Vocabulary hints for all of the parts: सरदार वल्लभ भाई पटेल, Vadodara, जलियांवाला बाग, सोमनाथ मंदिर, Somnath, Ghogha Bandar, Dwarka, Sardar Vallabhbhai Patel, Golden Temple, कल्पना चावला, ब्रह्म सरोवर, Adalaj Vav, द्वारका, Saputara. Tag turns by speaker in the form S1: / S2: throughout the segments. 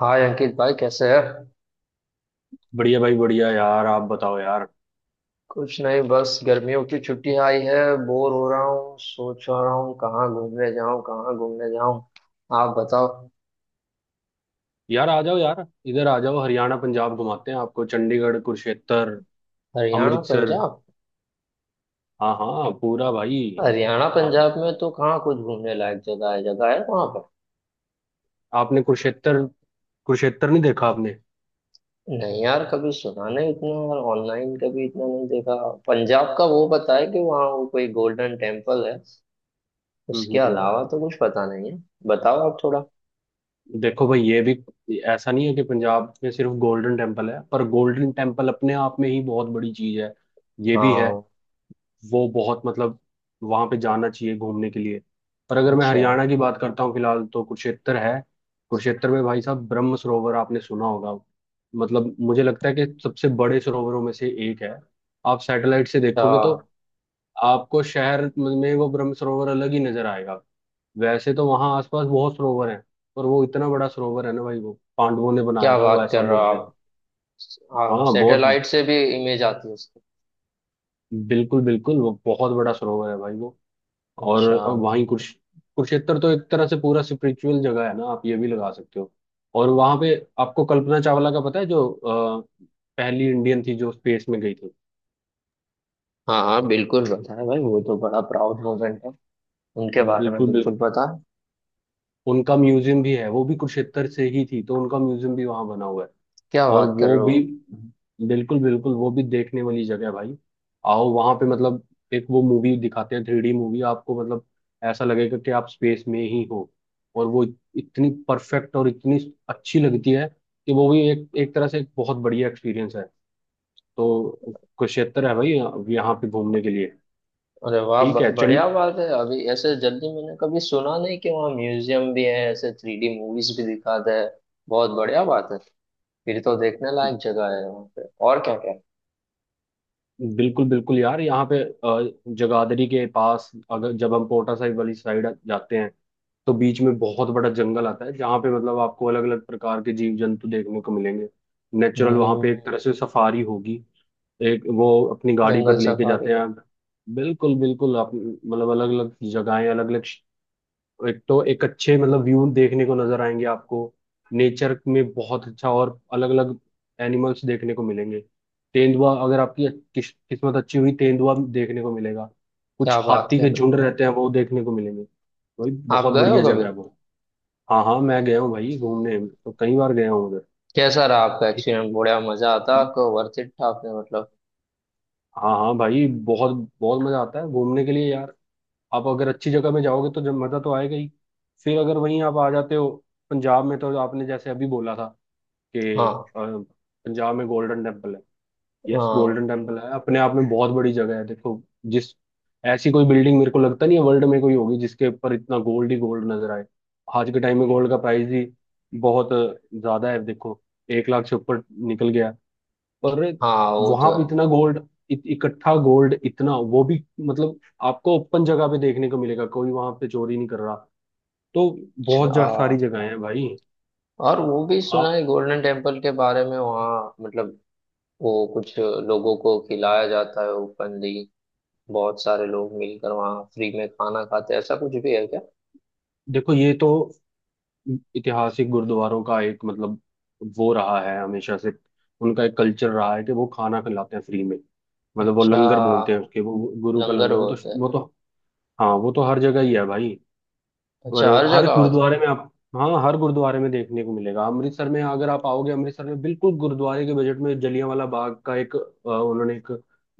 S1: हाय अंकित भाई, कैसे है।
S2: बढ़िया भाई, बढ़िया। यार, आप बताओ यार।
S1: कुछ नहीं, बस गर्मियों की छुट्टी आई है। बोर हो रहा हूँ, सोच रहा हूँ कहाँ घूमने जाऊँ कहाँ घूमने जाऊँ। आप बताओ।
S2: यार, आ जाओ यार। इधर आ जाओ, हरियाणा पंजाब घुमाते हैं आपको। चंडीगढ़, कुरुक्षेत्र,
S1: हरियाणा
S2: अमृतसर।
S1: पंजाब।
S2: हाँ हाँ, पूरा भाई।
S1: हरियाणा
S2: आप
S1: पंजाब में तो कहाँ कुछ घूमने लायक जगह है वहाँ पर।
S2: आपने कुरुक्षेत्र, नहीं देखा आपने?
S1: नहीं यार, कभी सुना नहीं इतना और ऑनलाइन कभी इतना नहीं देखा। पंजाब का वो पता है कि वहाँ वो कोई गोल्डन टेम्पल है।
S2: हम्म
S1: उसके
S2: हम्म हम्म।
S1: अलावा तो कुछ पता नहीं है। बताओ आप थोड़ा।
S2: देखो भाई, ये भी, ऐसा नहीं है कि पंजाब में सिर्फ गोल्डन टेम्पल है, पर गोल्डन टेम्पल अपने आप में ही बहुत बड़ी चीज है। ये भी है।
S1: हाँ।
S2: वो बहुत, मतलब, वहां पे जाना चाहिए घूमने के लिए। पर अगर मैं
S1: अच्छा।
S2: हरियाणा की बात करता हूँ फिलहाल, तो कुरुक्षेत्र है। कुरुक्षेत्र में भाई साहब, ब्रह्म सरोवर आपने सुना होगा। मतलब, मुझे लगता है कि सबसे बड़े सरोवरों में से एक है। आप सैटेलाइट से
S1: क्या।
S2: देखोगे तो आपको शहर में वो ब्रह्म सरोवर अलग ही नजर आएगा। वैसे तो वहाँ आसपास बहुत सरोवर हैं, पर वो इतना बड़ा सरोवर है ना भाई। वो पांडवों ने बनाया
S1: क्या
S2: था, वो
S1: बात
S2: ऐसा
S1: कर रहे हो
S2: बोलते हैं।
S1: आप। हाँ
S2: हाँ बहुत,
S1: सैटेलाइट से भी इमेज आती है उसकी।
S2: बिल्कुल बिल्कुल, वो बहुत बड़ा सरोवर है भाई वो। और
S1: अच्छा।
S2: वहीं कुरुश कुरुक्षेत्र तो एक तरह से पूरा स्पिरिचुअल जगह है ना, आप ये भी लगा सकते हो। और वहां पे आपको कल्पना चावला का पता है जो पहली इंडियन थी जो स्पेस में गई थी।
S1: हाँ हाँ बिल्कुल पता है भाई, वो तो बड़ा प्राउड मोमेंट है। उनके बारे में
S2: बिल्कुल बिल्कुल।
S1: बिल्कुल पता है।
S2: उनका म्यूजियम भी है, वो भी कुरुक्षेत्र से ही थी, तो उनका म्यूजियम भी वहां बना हुआ है।
S1: क्या
S2: और
S1: बात कर
S2: वो
S1: रहे हो।
S2: भी, बिल्कुल बिल्कुल, वो भी देखने वाली जगह है भाई। आओ वहां पे, मतलब, एक वो मूवी दिखाते हैं थ्री डी मूवी, आपको मतलब ऐसा लगेगा कि आप स्पेस में ही हो। और वो इतनी परफेक्ट और इतनी अच्छी लगती है कि वो भी एक, एक तरह से, एक बहुत बढ़िया एक्सपीरियंस है। तो कुरुक्षेत्र है भाई, यहाँ पे घूमने के लिए।
S1: अरे वाह,
S2: ठीक है। चंड
S1: बढ़िया बात है। अभी ऐसे जल्दी मैंने कभी सुना नहीं कि वहाँ म्यूजियम भी है, ऐसे थ्री डी मूवीज भी दिखाते हैं। बहुत बढ़िया बात है। फिर तो देखने लायक जगह है वहाँ पे और क्या क्या है?
S2: बिल्कुल बिल्कुल यार। यहाँ पे जगाधरी के पास, अगर जब हम पोटा साहिब वाली साइड जाते हैं, तो बीच में बहुत बड़ा जंगल आता है जहाँ पे मतलब आपको अलग अलग प्रकार के जीव जंतु देखने को मिलेंगे। नेचुरल, वहाँ पे एक
S1: हम्म।
S2: तरह से सफारी होगी। एक वो अपनी गाड़ी
S1: जंगल
S2: पर लेके जाते
S1: सफारी।
S2: हैं। बिल्कुल बिल्कुल, आप मतलब अलग अलग जगहें, अलग अलग, एक तो एक अच्छे मतलब व्यू देखने को नजर आएंगे आपको। नेचर में बहुत अच्छा, और अलग अलग एनिमल्स देखने को मिलेंगे। तेंदुआ, अगर आपकी किस्मत अच्छी हुई तेंदुआ देखने को मिलेगा। कुछ
S1: क्या बात
S2: हाथी
S1: कर
S2: के
S1: रहे
S2: झुंड रहते हैं, वो देखने को मिलेंगे। वही
S1: हो, आप
S2: बहुत
S1: गए हो
S2: बढ़िया जगह
S1: कभी।
S2: है वो। हाँ हाँ, मैं गया हूँ भाई, घूमने तो कई बार गया हूँ उधर।
S1: कैसा रहा आपका
S2: ठीक।
S1: एक्सपीरियंस, बढ़िया मजा आता है आपको, वर्थ इट था आपने मतलब।
S2: हाँ हाँ भाई, बहुत बहुत मजा आता है घूमने के लिए यार। आप अगर अच्छी जगह में जाओगे तो जब मजा तो आएगा ही। फिर अगर वहीं आप आ जाते हो पंजाब में, तो आपने जैसे अभी बोला था कि
S1: हाँ।
S2: अ, पंजाब में गोल्डन टेम्पल है। यस,
S1: हाँ
S2: गोल्डन टेम्पल है, अपने आप में बहुत बड़ी जगह है। देखो, जिस ऐसी कोई बिल्डिंग मेरे को लगता नहीं है वर्ल्ड में कोई होगी जिसके ऊपर इतना गोल्ड ही गोल्ड नजर आए। आज के टाइम में गोल्ड का प्राइस ही बहुत ज्यादा है देखो, 1 लाख से ऊपर निकल गया। और
S1: हाँ, वो
S2: वहां
S1: तो
S2: पे
S1: है।
S2: इतना गोल्ड, इकट्ठा गोल्ड इतना, वो भी मतलब आपको ओपन जगह पे देखने को मिलेगा, कोई वहां पे चोरी नहीं कर रहा। तो
S1: अच्छा
S2: बहुत सारी
S1: हाँ।
S2: जगहें हैं भाई।
S1: और वो भी सुना है
S2: आप
S1: गोल्डन टेम्पल के बारे में, वहाँ मतलब वो कुछ लोगों को खिलाया जाता है उपनदी, बहुत सारे लोग मिलकर वहाँ फ्री में खाना खाते हैं, ऐसा कुछ भी है क्या।
S2: देखो, ये तो ऐतिहासिक गुरुद्वारों का एक, मतलब, वो रहा है हमेशा से। उनका एक कल्चर रहा है कि वो खाना खिलाते हैं फ्री में। मतलब वो
S1: अच्छा,
S2: लंगर बोलते हैं उसके, वो गुरु का
S1: लंगर
S2: लंगर, वो तो
S1: बोलते हैं।
S2: वो तो हाँ, वो तो हर जगह ही है भाई। और
S1: अच्छा, हर
S2: हर
S1: जगह होता
S2: गुरुद्वारे में आप, हाँ, हर गुरुद्वारे में देखने को मिलेगा। अमृतसर में अगर आप आओगे, अमृतसर में बिल्कुल गुरुद्वारे के बजट में जलियांवाला बाग का एक उन्होंने एक,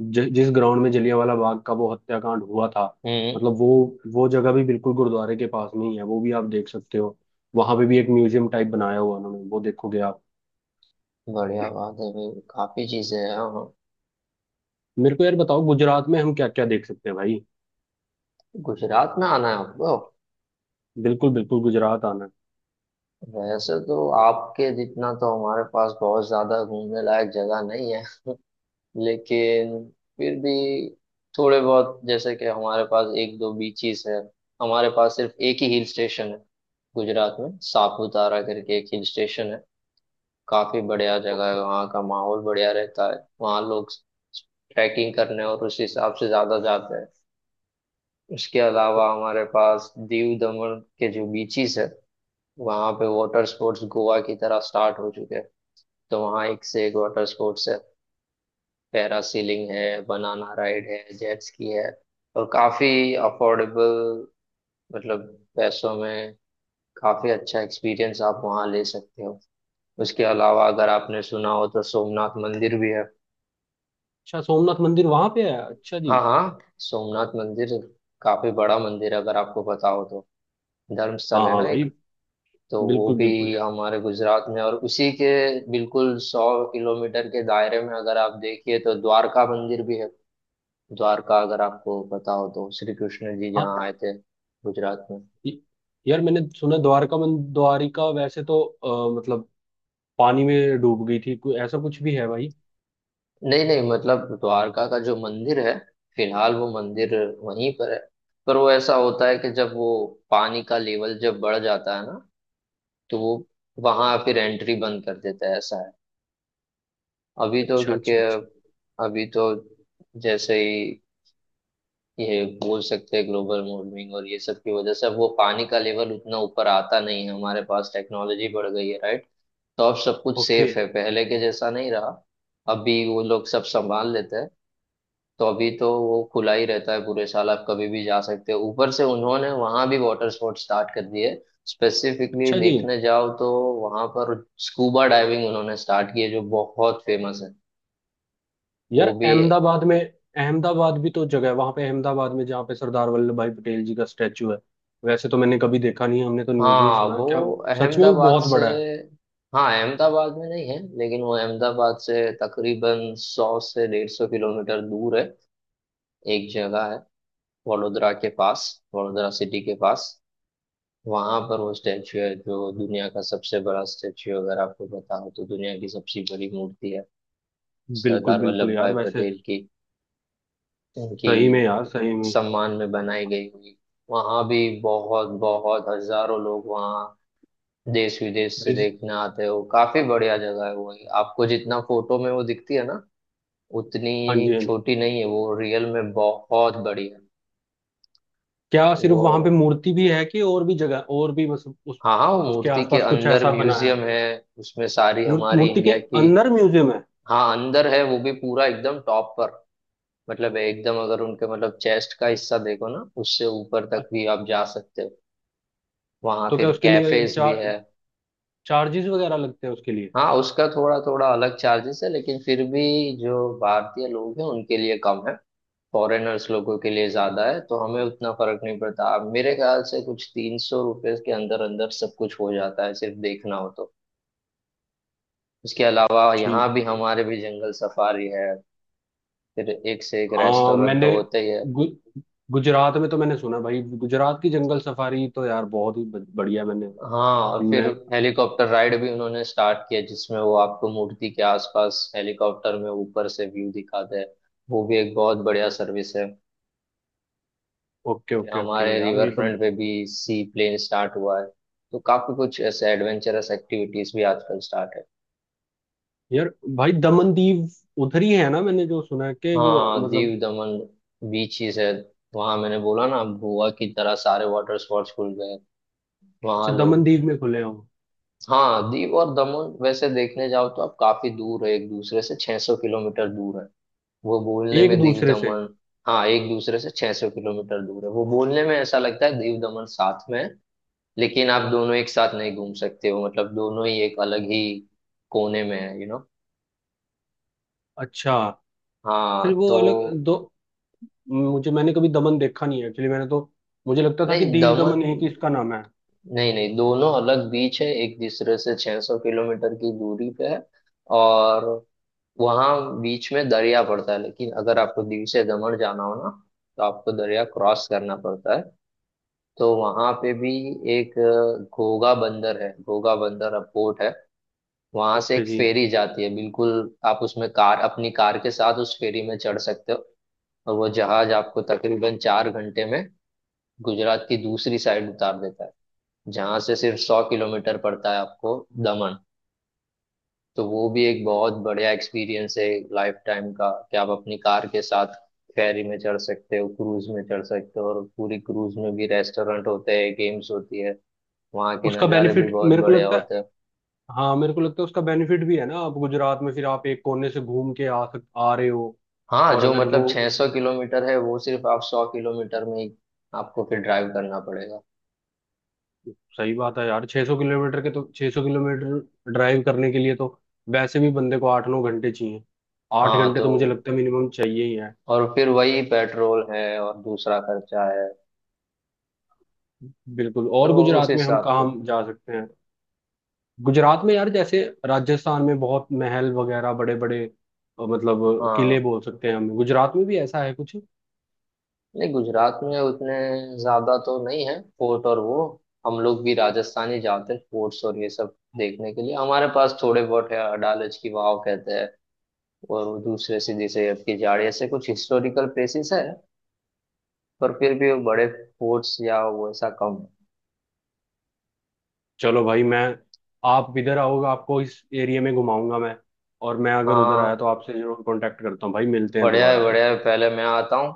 S2: जिस ग्राउंड में जलियांवाला बाग का वो हत्याकांड हुआ था,
S1: है। हम्म।
S2: मतलब वो जगह भी बिल्कुल गुरुद्वारे के पास में ही है, वो भी आप देख सकते हो। वहां पे भी एक म्यूजियम टाइप बनाया हुआ उन्होंने, वो देखोगे आप।
S1: बढ़िया बात है भाई, काफी चीजें हैं। हाँ,
S2: मेरे को यार बताओ, गुजरात में हम क्या क्या देख सकते हैं भाई?
S1: गुजरात में आना है आपको।
S2: बिल्कुल बिल्कुल, गुजरात आना है।
S1: वैसे तो आपके जितना तो हमारे पास बहुत ज्यादा घूमने लायक जगह नहीं है, लेकिन फिर भी थोड़े बहुत, जैसे कि हमारे पास एक दो बीचेस है, हमारे पास सिर्फ एक ही हिल स्टेशन है। गुजरात में सापुतारा करके एक हिल स्टेशन है, काफी बढ़िया जगह है,
S2: ओके।
S1: वहाँ का माहौल बढ़िया रहता है, वहाँ लोग ट्रैकिंग करने और उस हिसाब से ज्यादा जाते हैं। उसके
S2: ओके।
S1: अलावा हमारे पास दीव दमन के जो बीचेस है, वहाँ पे वाटर स्पोर्ट्स गोवा की तरह स्टार्ट हो चुके हैं। तो वहाँ एक से एक वाटर स्पोर्ट्स है, पैरासीलिंग है, बनाना राइड है, जेट स्की है, और काफी अफोर्डेबल, मतलब पैसों में काफी अच्छा एक्सपीरियंस आप वहाँ ले सकते हो। उसके अलावा अगर आपने सुना हो तो सोमनाथ मंदिर भी है।
S2: अच्छा, सोमनाथ मंदिर वहां पे है? अच्छा जी।
S1: हाँ हाँ, सोमनाथ मंदिर काफी बड़ा मंदिर है, अगर आपको पता हो तो धर्मस्थल
S2: हाँ
S1: है
S2: हाँ
S1: ना
S2: भाई,
S1: एक, तो वो
S2: बिल्कुल बिल्कुल
S1: भी
S2: यार।
S1: हमारे गुजरात में। और उसी के बिल्कुल 100 किलोमीटर के दायरे में अगर आप देखिए तो द्वारका मंदिर भी है। द्वारका, अगर आपको पता हो तो श्री कृष्ण जी
S2: हाँ।
S1: जहाँ आए थे गुजरात में।
S2: य- यार, मैंने सुना द्वारका मन द्वारिका वैसे तो मतलब पानी में डूब गई थी, कोई ऐसा कुछ भी है भाई?
S1: नहीं नहीं, मतलब द्वारका का जो मंदिर है फिलहाल, वो मंदिर वहीं पर है। पर वो ऐसा होता है कि जब वो पानी का लेवल जब बढ़ जाता है ना, तो वो वहां फिर एंट्री बंद कर देता है, ऐसा है। अभी तो
S2: अच्छा
S1: क्योंकि
S2: अच्छा अच्छा।
S1: अभी तो जैसे ही, ये बोल सकते हैं ग्लोबल वार्मिंग और ये सब की वजह से, अब वो पानी का लेवल उतना ऊपर आता नहीं है, हमारे पास टेक्नोलॉजी बढ़ गई है राइट, तो अब सब कुछ
S2: ओके।
S1: सेफ है, पहले के जैसा नहीं रहा। अभी वो लोग सब संभाल लेते हैं। तो अभी तो वो खुला ही रहता है पूरे साल, आप कभी भी जा सकते हो। ऊपर से उन्होंने वहां भी वाटर स्पोर्ट स्टार्ट कर दिए। स्पेसिफिकली
S2: अच्छा जी।
S1: देखने जाओ तो वहां पर स्कूबा डाइविंग उन्होंने स्टार्ट की है जो बहुत फेमस है।
S2: यार
S1: वो भी।
S2: अहमदाबाद में, अहमदाबाद भी तो जगह है वहां पे, अहमदाबाद में जहाँ पे सरदार वल्लभ भाई पटेल जी का स्टैचू है। वैसे तो मैंने कभी देखा नहीं है, हमने तो न्यूज में ही
S1: हाँ,
S2: सुना है।
S1: वो
S2: क्या सच में वो
S1: अहमदाबाद
S2: बहुत
S1: से।
S2: बड़ा है?
S1: हाँ, अहमदाबाद में नहीं है लेकिन वो अहमदाबाद से तकरीबन 100 से 150 किलोमीटर दूर है। एक जगह है वडोदरा के पास, वडोदरा सिटी के पास, वहां पर वो स्टैचू है जो दुनिया का सबसे बड़ा स्टैचू, अगर आपको पता हो तो दुनिया की सबसे बड़ी मूर्ति है,
S2: बिल्कुल
S1: सरदार
S2: बिल्कुल
S1: वल्लभ
S2: यार।
S1: भाई
S2: वैसे
S1: पटेल की। उनकी
S2: सही में यार, सही में।
S1: सम्मान में बनाई गई हुई। वहां भी बहुत बहुत हजारों लोग वहाँ देश विदेश से
S2: विज-
S1: देखने आते हैं। वो काफी बढ़िया जगह है वो। आपको जितना फोटो में वो दिखती है ना, उतनी
S2: हाँ जी हाँ जी।
S1: छोटी नहीं है, वो रियल में बहुत बड़ी है।
S2: क्या सिर्फ
S1: वो,
S2: वहां पे मूर्ति भी है कि और भी जगह और भी, मतलब उस,
S1: हाँ हाँ, वो
S2: उसके
S1: मूर्ति के
S2: आसपास कुछ
S1: अंदर
S2: ऐसा बना
S1: म्यूजियम
S2: है?
S1: है, उसमें सारी हमारी
S2: मूर्ति के
S1: इंडिया की।
S2: अंदर म्यूजियम है?
S1: हाँ, अंदर है। वो भी पूरा एकदम टॉप पर, मतलब एकदम अगर उनके मतलब चेस्ट का हिस्सा देखो ना, उससे ऊपर तक
S2: अच्छा।
S1: भी आप जा सकते हो। वहाँ
S2: तो क्या
S1: फिर
S2: उसके लिए
S1: कैफेज भी है।
S2: चार्जेस वगैरह लगते हैं उसके लिए?
S1: हाँ, उसका थोड़ा थोड़ा अलग चार्जेस है, लेकिन फिर भी जो भारतीय लोग हैं उनके लिए कम है, फॉरेनर्स लोगों के लिए ज्यादा है, तो हमें उतना फर्क नहीं पड़ता। अब मेरे ख्याल से कुछ 300 रुपये के अंदर अंदर सब कुछ हो जाता है सिर्फ देखना हो तो। उसके अलावा
S2: ठीक।
S1: यहाँ भी हमारे भी जंगल सफारी है, फिर एक से एक
S2: हाँ
S1: रेस्टोरेंट तो
S2: मैंने,
S1: होते ही है।
S2: गु, गुजरात में तो मैंने सुना भाई, गुजरात की जंगल सफारी तो यार बहुत ही बढ़िया। मैंने
S1: हाँ और फिर
S2: मैं
S1: हेलीकॉप्टर राइड भी उन्होंने स्टार्ट किया, जिसमें वो आपको मूर्ति के आसपास हेलीकॉप्टर में ऊपर से व्यू दिखाते हैं। वो भी एक बहुत बढ़िया सर्विस है।
S2: ओके
S1: फिर
S2: ओके ओके
S1: हमारे
S2: यार,
S1: रिवर
S2: ये तो।
S1: फ्रंट पे भी सी प्लेन स्टार्ट हुआ है, तो काफी कुछ ऐसे एडवेंचरस एक्टिविटीज भी आजकल स्टार्ट है।
S2: यार भाई, दमन दीव उधर ही है ना? मैंने जो सुना है कि वो,
S1: हाँ
S2: मतलब,
S1: दीव दमन, बीचेस है। वहां मैंने बोला ना, गोवा की तरह सारे वाटर स्पोर्ट्स खुल गए।
S2: अच्छा,
S1: वहां
S2: दमन
S1: लोग।
S2: दीव में खुले हैं वो?
S1: हाँ, दीव और दमन वैसे देखने जाओ तो आप काफी दूर है, एक दूसरे से 600 किलोमीटर दूर है, वो बोलने
S2: एक
S1: में दीव
S2: दूसरे से?
S1: दमन। हाँ, एक दूसरे से 600 किलोमीटर दूर है, वो बोलने में ऐसा लगता है दीव दमन साथ में है, लेकिन आप दोनों एक साथ नहीं घूम सकते हो, मतलब दोनों ही एक अलग ही कोने में है यू नो।
S2: अच्छा,
S1: हाँ
S2: फिर वो अलग
S1: तो,
S2: दो। मुझे, मैंने कभी दमन देखा नहीं है एक्चुअली, मैंने तो मुझे लगता था कि
S1: नहीं
S2: दीव दमन
S1: दमन
S2: एक ही इसका नाम है।
S1: नहीं नहीं, दोनों अलग बीच है, एक दूसरे से 600 किलोमीटर की दूरी पे है। और वहां बीच में दरिया पड़ता है, लेकिन अगर आपको दीव से दमन जाना हो ना, तो आपको दरिया क्रॉस करना पड़ता है। तो वहां पे भी एक घोगा बंदर है, घोगा बंदर पोर्ट है। वहां से
S2: ओके
S1: एक
S2: जी।
S1: फेरी जाती है बिल्कुल, आप उसमें कार अपनी कार के साथ उस फेरी में चढ़ सकते हो। और वो जहाज आपको तकरीबन 4 घंटे में गुजरात की दूसरी साइड उतार देता है, जहां से सिर्फ 100 किलोमीटर पड़ता है आपको दमन। तो वो भी एक बहुत बढ़िया एक्सपीरियंस है लाइफ टाइम का, कि आप अपनी कार के साथ फेरी में चढ़ सकते हो, क्रूज में चढ़ सकते हो। और पूरी क्रूज में भी रेस्टोरेंट होते हैं, गेम्स होती है, वहाँ के
S2: उसका
S1: नज़ारे भी
S2: बेनिफिट
S1: बहुत
S2: मेरे को
S1: बढ़िया
S2: लगता है,
S1: होते हैं।
S2: हाँ मेरे को लगता है उसका बेनिफिट भी है ना, आप गुजरात में फिर आप एक कोने से घूम के आ सक आ रहे हो।
S1: हाँ,
S2: और
S1: जो
S2: अगर वो,
S1: मतलब 600 किलोमीटर है वो सिर्फ आप 100 किलोमीटर में ही आपको फिर ड्राइव करना पड़ेगा।
S2: सही बात है यार, 600 किलोमीटर के तो 600 किलोमीटर ड्राइव करने के लिए तो वैसे भी बंदे को 8 9 घंटे चाहिए। आठ
S1: हाँ
S2: घंटे
S1: तो,
S2: तो मुझे लगता है मिनिमम चाहिए ही है।
S1: और फिर वही पेट्रोल है और दूसरा खर्चा है,
S2: बिल्कुल।
S1: तो
S2: और
S1: उस
S2: गुजरात में हम
S1: हिसाब
S2: कहाँ
S1: से।
S2: जा सकते हैं? गुजरात में यार, जैसे राजस्थान में बहुत महल वगैरह बड़े बड़े, मतलब किले
S1: हाँ,
S2: बोल सकते हैं हम, गुजरात में भी ऐसा है कुछ?
S1: नहीं गुजरात में उतने ज्यादा तो नहीं है फोर्ट और वो, हम लोग भी राजस्थान ही जाते हैं फोर्ट्स और ये सब देखने के लिए। हमारे पास थोड़े बहुत है, अडालज की वाव कहते हैं, और वो दूसरे से जैसे आपकी जाड़ी, ऐसे कुछ हिस्टोरिकल प्लेसेस है, पर फिर भी वो बड़े फोर्ट्स या वो ऐसा कम है।
S2: चलो भाई, मैं आप इधर आओगे आपको इस एरिया में घुमाऊंगा मैं। और मैं अगर उधर
S1: हाँ,
S2: आया तो आपसे जरूर कांटेक्ट करता हूँ भाई। मिलते हैं
S1: बढ़िया है
S2: दोबारा फिर।
S1: बढ़िया है। पहले मैं आता हूँ।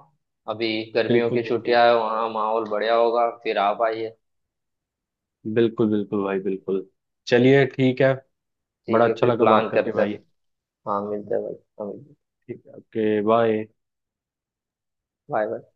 S1: अभी गर्मियों
S2: बिल्कुल
S1: की
S2: बिल्कुल,
S1: छुट्टियां है, वहाँ माहौल बढ़िया होगा, फिर आप आइए।
S2: बिल्कुल बिल्कुल भाई, बिल्कुल। चलिए, ठीक है।
S1: ठीक
S2: बड़ा
S1: है,
S2: अच्छा
S1: फिर
S2: लगा
S1: प्लान
S2: बात करके
S1: करते हैं।
S2: भाई।
S1: हाँ, मिलते हैं भाई। हाँ, मिलते हैं।
S2: ठीक है, ओके, बाय।
S1: Bye bye.